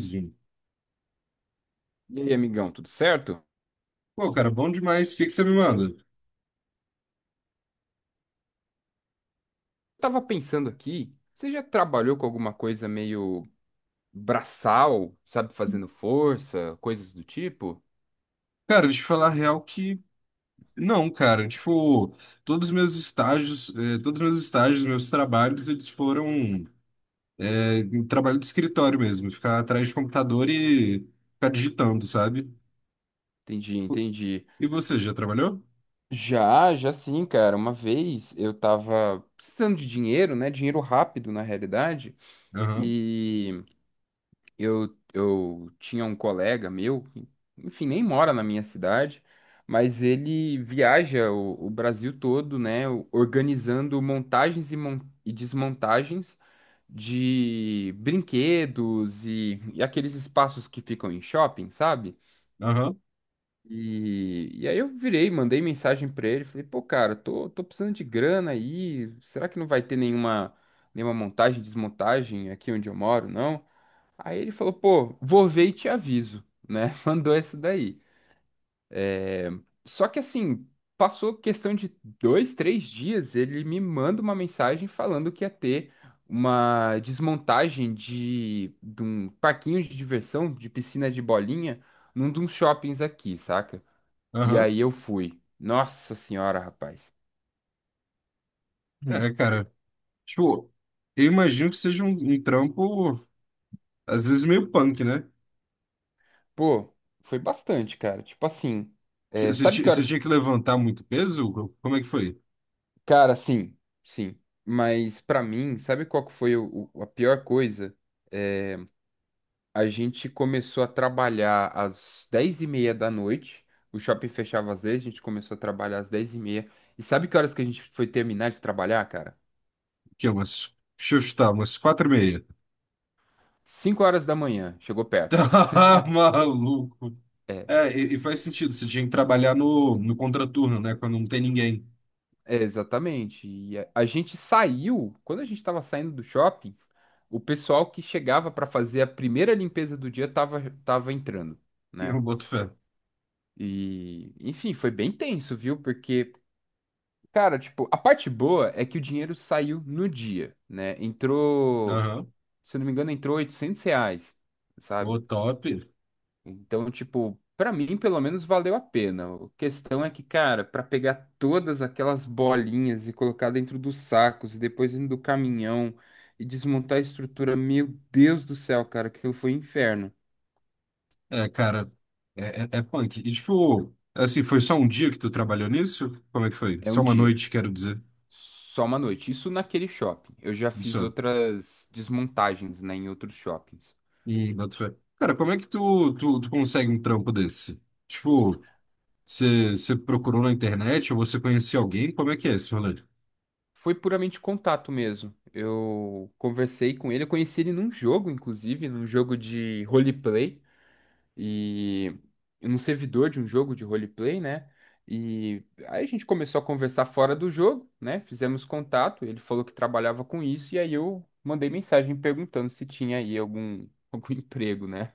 Zoom. E aí, amigão, tudo certo? Pô, cara, bom demais. O que que você me manda? Tava pensando aqui, você já trabalhou com alguma coisa meio braçal, sabe, fazendo força, coisas do tipo? Cara, deixa eu falar a real que não, cara. Tipo, todos os meus estágios, meus trabalhos, eles foram em trabalho de escritório mesmo, ficar atrás de computador e ficar digitando, sabe? Entendi, entendi. E você já trabalhou? Já, já sim, cara. Uma vez eu tava precisando de dinheiro, né? Dinheiro rápido, na realidade. Aham, E eu tinha um colega meu, enfim, nem mora na minha cidade, mas ele viaja o Brasil todo, né, organizando montagens e desmontagens de brinquedos e aqueles espaços que ficam em shopping, sabe? aham, E aí eu virei, mandei mensagem pra ele, falei, pô, cara, tô precisando de grana aí, será que não vai ter nenhuma montagem, desmontagem aqui onde eu moro, não? Aí ele falou, pô, vou ver e te aviso, né? Mandou essa daí. É. Só que assim, passou questão de dois, três dias, ele me manda uma mensagem falando que ia ter uma desmontagem de um parquinho de diversão, de piscina de bolinha, num de uns shoppings aqui, saca? E aham. aí eu fui. Nossa senhora, rapaz. Hum. É, cara. Tipo, eu imagino que seja um trampo, às vezes meio punk, né? Pô, foi bastante, cara. Tipo assim, Você é, você sabe ti- que você horas. tinha que levantar muito peso? Como é que foi? Cara, sim, sim. Mas pra mim, sabe qual que foi a pior coisa? É, a gente começou a trabalhar às 22h30. O shopping fechava às 22h. A gente começou a trabalhar às dez e meia. E sabe que horas que a gente foi terminar de trabalhar, cara? Que é umas. Deixa eu chutar, umas 4:30. 5h da manhã, chegou perto. Tá maluco. É, e faz sentido. Você tinha que trabalhar no contraturno, né? Quando não tem ninguém. É, exatamente. E a gente saiu, quando a gente estava saindo do shopping, o pessoal que chegava para fazer a primeira limpeza do dia tava entrando. Né? Eu boto fé. E, enfim, foi bem tenso, viu? Porque, cara, tipo, a parte boa é que o dinheiro saiu no dia, né? Entrou, Aham. se eu não me engano, entrou R$ 800, sabe? Ô, top. Então, tipo, pra mim, pelo menos, valeu a pena. A questão é que, cara, pra pegar todas aquelas bolinhas e colocar dentro dos sacos e depois dentro do caminhão e desmontar a estrutura, meu Deus do céu, cara, aquilo foi um inferno. É, cara, é punk. E, tipo, assim, foi só um dia que tu trabalhou nisso? Como é que foi? É Só um uma dia. noite, quero dizer. Só uma noite. Isso naquele shopping. Eu já fiz Só. outras desmontagens, né, em outros shoppings. E boto fé. Cara, como é que tu consegue um trampo desse? Tipo, você procurou na internet ou você conhecia alguém? Como é que é esse rolê? Foi puramente contato mesmo. Eu conversei com ele, eu conheci ele num jogo, inclusive, num jogo de roleplay e num servidor de um jogo de roleplay, né? E aí a gente começou a conversar fora do jogo, né? Fizemos contato, ele falou que trabalhava com isso e aí eu mandei mensagem perguntando se tinha aí algum algum emprego, né?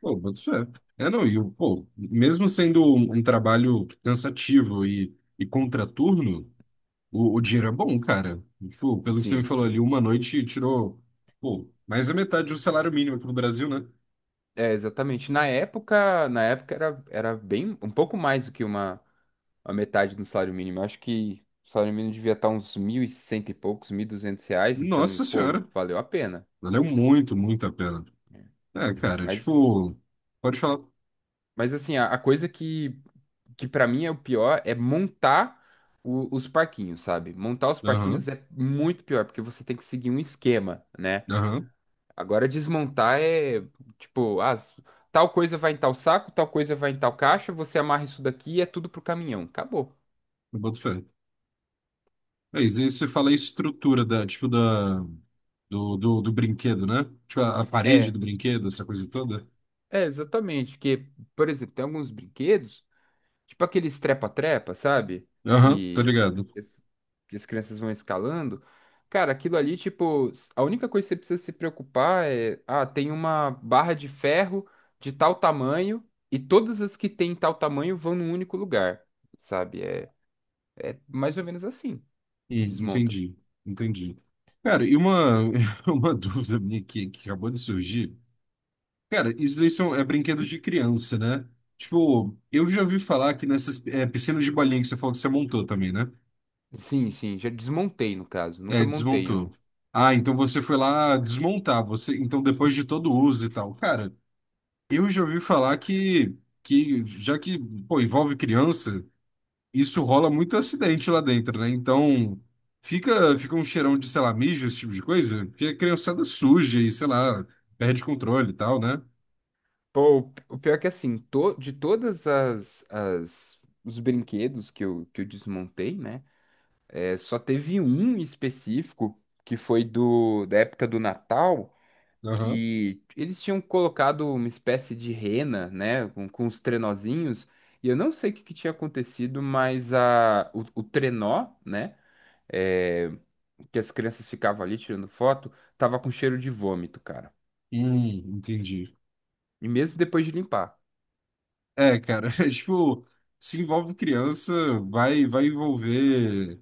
Pô, boto fé. É, não, e o, pô, mesmo sendo um trabalho cansativo e contraturno, o dinheiro é bom, cara. Tipo, pelo que você me Sim, falou sim. ali, uma noite tirou, pô, mais da metade do salário mínimo aqui no Brasil, né? É, exatamente. Na época era bem, um pouco mais do que a metade do salário mínimo. Eu acho que o salário mínimo devia estar uns mil e cento e poucos, R$ 1.200, então, Nossa pô, senhora, valeu a pena. valeu muito, muito a pena. É, cara, Mas, tipo, pode falar. mas assim, a coisa que para mim é o pior é montar os parquinhos, sabe? Montar os parquinhos Aham, é muito pior, porque você tem que seguir um esquema, né? aham, Agora desmontar é tipo, ah, tal coisa vai em tal saco, tal coisa vai em tal caixa, você amarra isso daqui e é tudo pro caminhão. Acabou. eu boto fé. É, isso aí você fala a estrutura da, tipo, da, do brinquedo, né? Tipo, a parede É, do brinquedo, essa coisa toda. é exatamente, que, por exemplo, tem alguns brinquedos, tipo aqueles trepa-trepa, sabe? Aham, tô Que, ligado. as- que as crianças vão escalando. Cara, aquilo ali, tipo, a única coisa que você precisa se preocupar é, ah, tem uma barra de ferro de tal tamanho e todas as que tem tal tamanho vão num único lugar, sabe? É, é mais ou menos assim. Que desmonta. Entendi, entendi. Cara, e uma, uma dúvida minha aqui que acabou de surgir. Cara, isso daí são, é brinquedo de criança, né? Tipo, eu já ouvi falar que nessas piscinas de bolinha que você falou que você montou também, né? Sim, sim, já desmontei no caso, nunca É, montei desmontou. uma. Ah, então você foi lá desmontar, você, então depois de todo o uso e tal. Cara, eu já ouvi falar que, já que, pô, envolve criança, isso rola muito acidente lá dentro, né? Então, fica um cheirão de, sei lá, mijo, esse tipo de coisa, porque a criançada suja e, sei lá, perde controle e tal, né? Pô, o pior é que assim, de todas os brinquedos que eu desmontei, né? É, só teve um específico que foi do da época do Natal, Aham. que eles tinham colocado uma espécie de rena, né, com os trenozinhos, e eu não sei o que, que tinha acontecido, mas o trenó, né, é, que as crianças ficavam ali tirando foto, tava com cheiro de vômito, cara. Entendi. E mesmo depois de limpar. É, cara, é tipo, se envolve criança, vai envolver.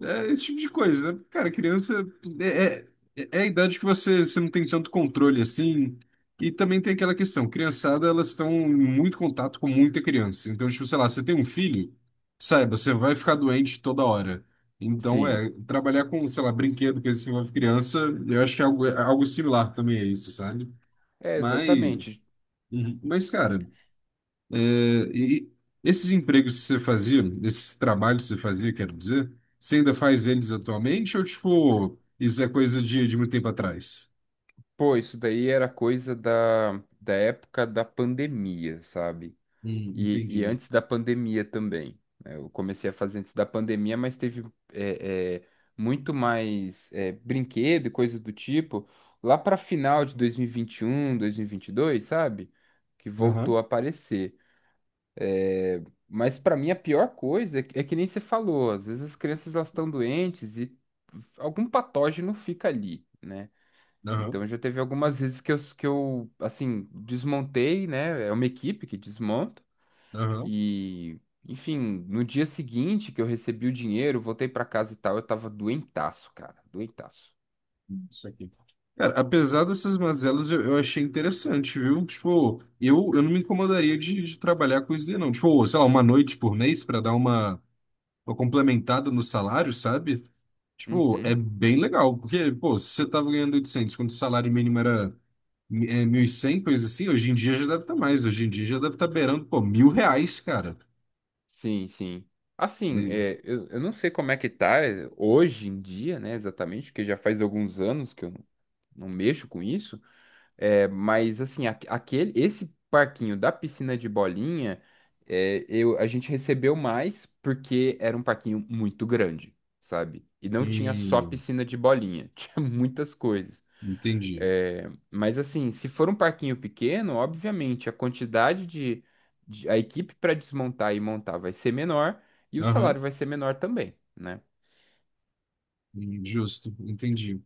É esse tipo de coisa, né? Cara, criança é, é a idade que você não tem tanto controle assim. E também tem aquela questão, criançada, elas estão em muito contato com muita criança. Então, tipo, sei lá, você tem um filho, saiba, você vai ficar doente toda hora. Então, Sim, é, trabalhar com, sei lá, brinquedo, coisa que envolve criança, eu acho que é algo similar também a isso, sabe? é Mas, exatamente. uhum. Mas, cara. É, e esses empregos que você fazia, esses trabalhos que você fazia, quero dizer, você ainda faz eles atualmente ou, tipo, isso é coisa de muito tempo atrás? Pô, isso daí era coisa da época da pandemia, sabe? E Entendi. antes da pandemia também. Né? Eu comecei a fazer antes da pandemia, mas teve é, é, muito mais brinquedo e coisa do tipo lá para final de dois mil e vinte e um, dois mil e vinte um e dois sabe? Que voltou Aham. a aparecer. Mas para mim a pior coisa é que nem você falou, às vezes as crianças elas estão doentes e algum patógeno fica ali, né? Aham, Então já teve algumas vezes que que eu assim, desmontei, né? É uma equipe que desmonta aham, e, enfim, no dia seguinte que eu recebi o dinheiro, voltei para casa e tal, eu tava doentaço, cara, doentaço. isso aqui. Cara, apesar dessas mazelas, eu achei interessante, viu? Tipo, eu não me incomodaria de trabalhar com isso daí, não. Tipo, sei lá, uma noite por mês para dar uma, complementada no salário, sabe? Tipo, é Uhum. bem legal, porque, pô, se você tava ganhando 800 quando o salário mínimo era 1.100 coisa assim, hoje em dia já deve estar mais, hoje em dia já deve estar beirando, pô, R$ 1.000, cara. Sim, sim. Assim, E, eu não sei como é que tá hoje em dia, né, exatamente, porque já faz alguns anos que eu não mexo com isso, mas assim, esse parquinho da piscina de bolinha, a gente recebeu mais porque era um parquinho muito grande, sabe? E não tinha só e- piscina de bolinha, tinha muitas coisas. Entendi. É, mas assim, se for um parquinho pequeno, obviamente a quantidade a equipe para desmontar e montar vai ser menor e o Aham, salário vai ser menor também, né? justo, entendi.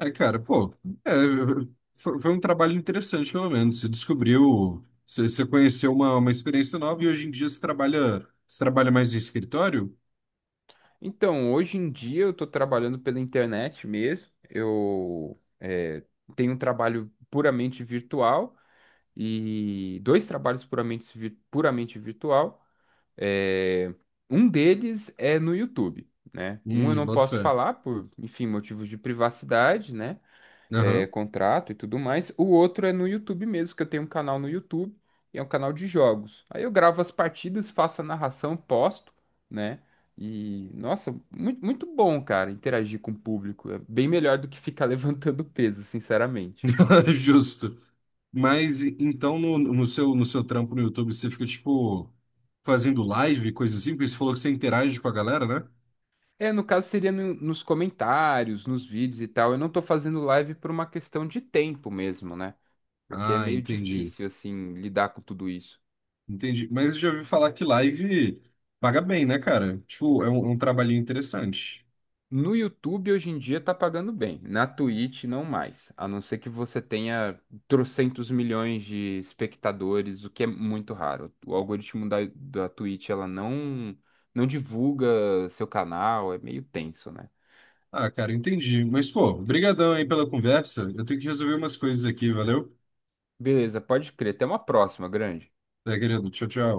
É, cara, pô, é, foi um trabalho interessante, pelo menos. Você descobriu, você conheceu uma experiência nova e hoje em dia você trabalha, mais em escritório? Então, hoje em dia eu estou trabalhando pela internet mesmo. Eu tenho um trabalho puramente virtual e dois trabalhos puramente virtual. É, um deles é no YouTube, né? Um eu não Boto posso fé. falar por, enfim, motivos de privacidade, né? Aham. Contrato e tudo mais. O outro é no YouTube mesmo, que eu tenho um canal no YouTube, e é um canal de jogos. Aí eu gravo as partidas, faço a narração, posto, né? E, nossa, muito, muito bom, cara, interagir com o público. É bem melhor do que ficar levantando peso, sinceramente. Justo. Mas então no, no seu trampo no YouTube você fica tipo fazendo live, coisa assim, porque você falou que você interage com a galera, né? É, no caso seria nos comentários, nos vídeos e tal. Eu não tô fazendo live por uma questão de tempo mesmo, né? Porque é Ah, meio entendi. difícil, assim, lidar com tudo isso. Entendi. Mas eu já ouvi falar que live paga bem, né, cara? Tipo, é um, trabalhinho interessante. No YouTube hoje em dia tá pagando bem, na Twitch não mais, a não ser que você tenha trocentos milhões de espectadores, o que é muito raro. O algoritmo da Twitch ela não divulga seu canal, é meio tenso, né? Ah, cara, entendi. Mas pô, brigadão aí pela conversa. Eu tenho que resolver umas coisas aqui, valeu? Beleza, pode crer. Até uma próxima, grande. Tá, querido. Tchau, tchau.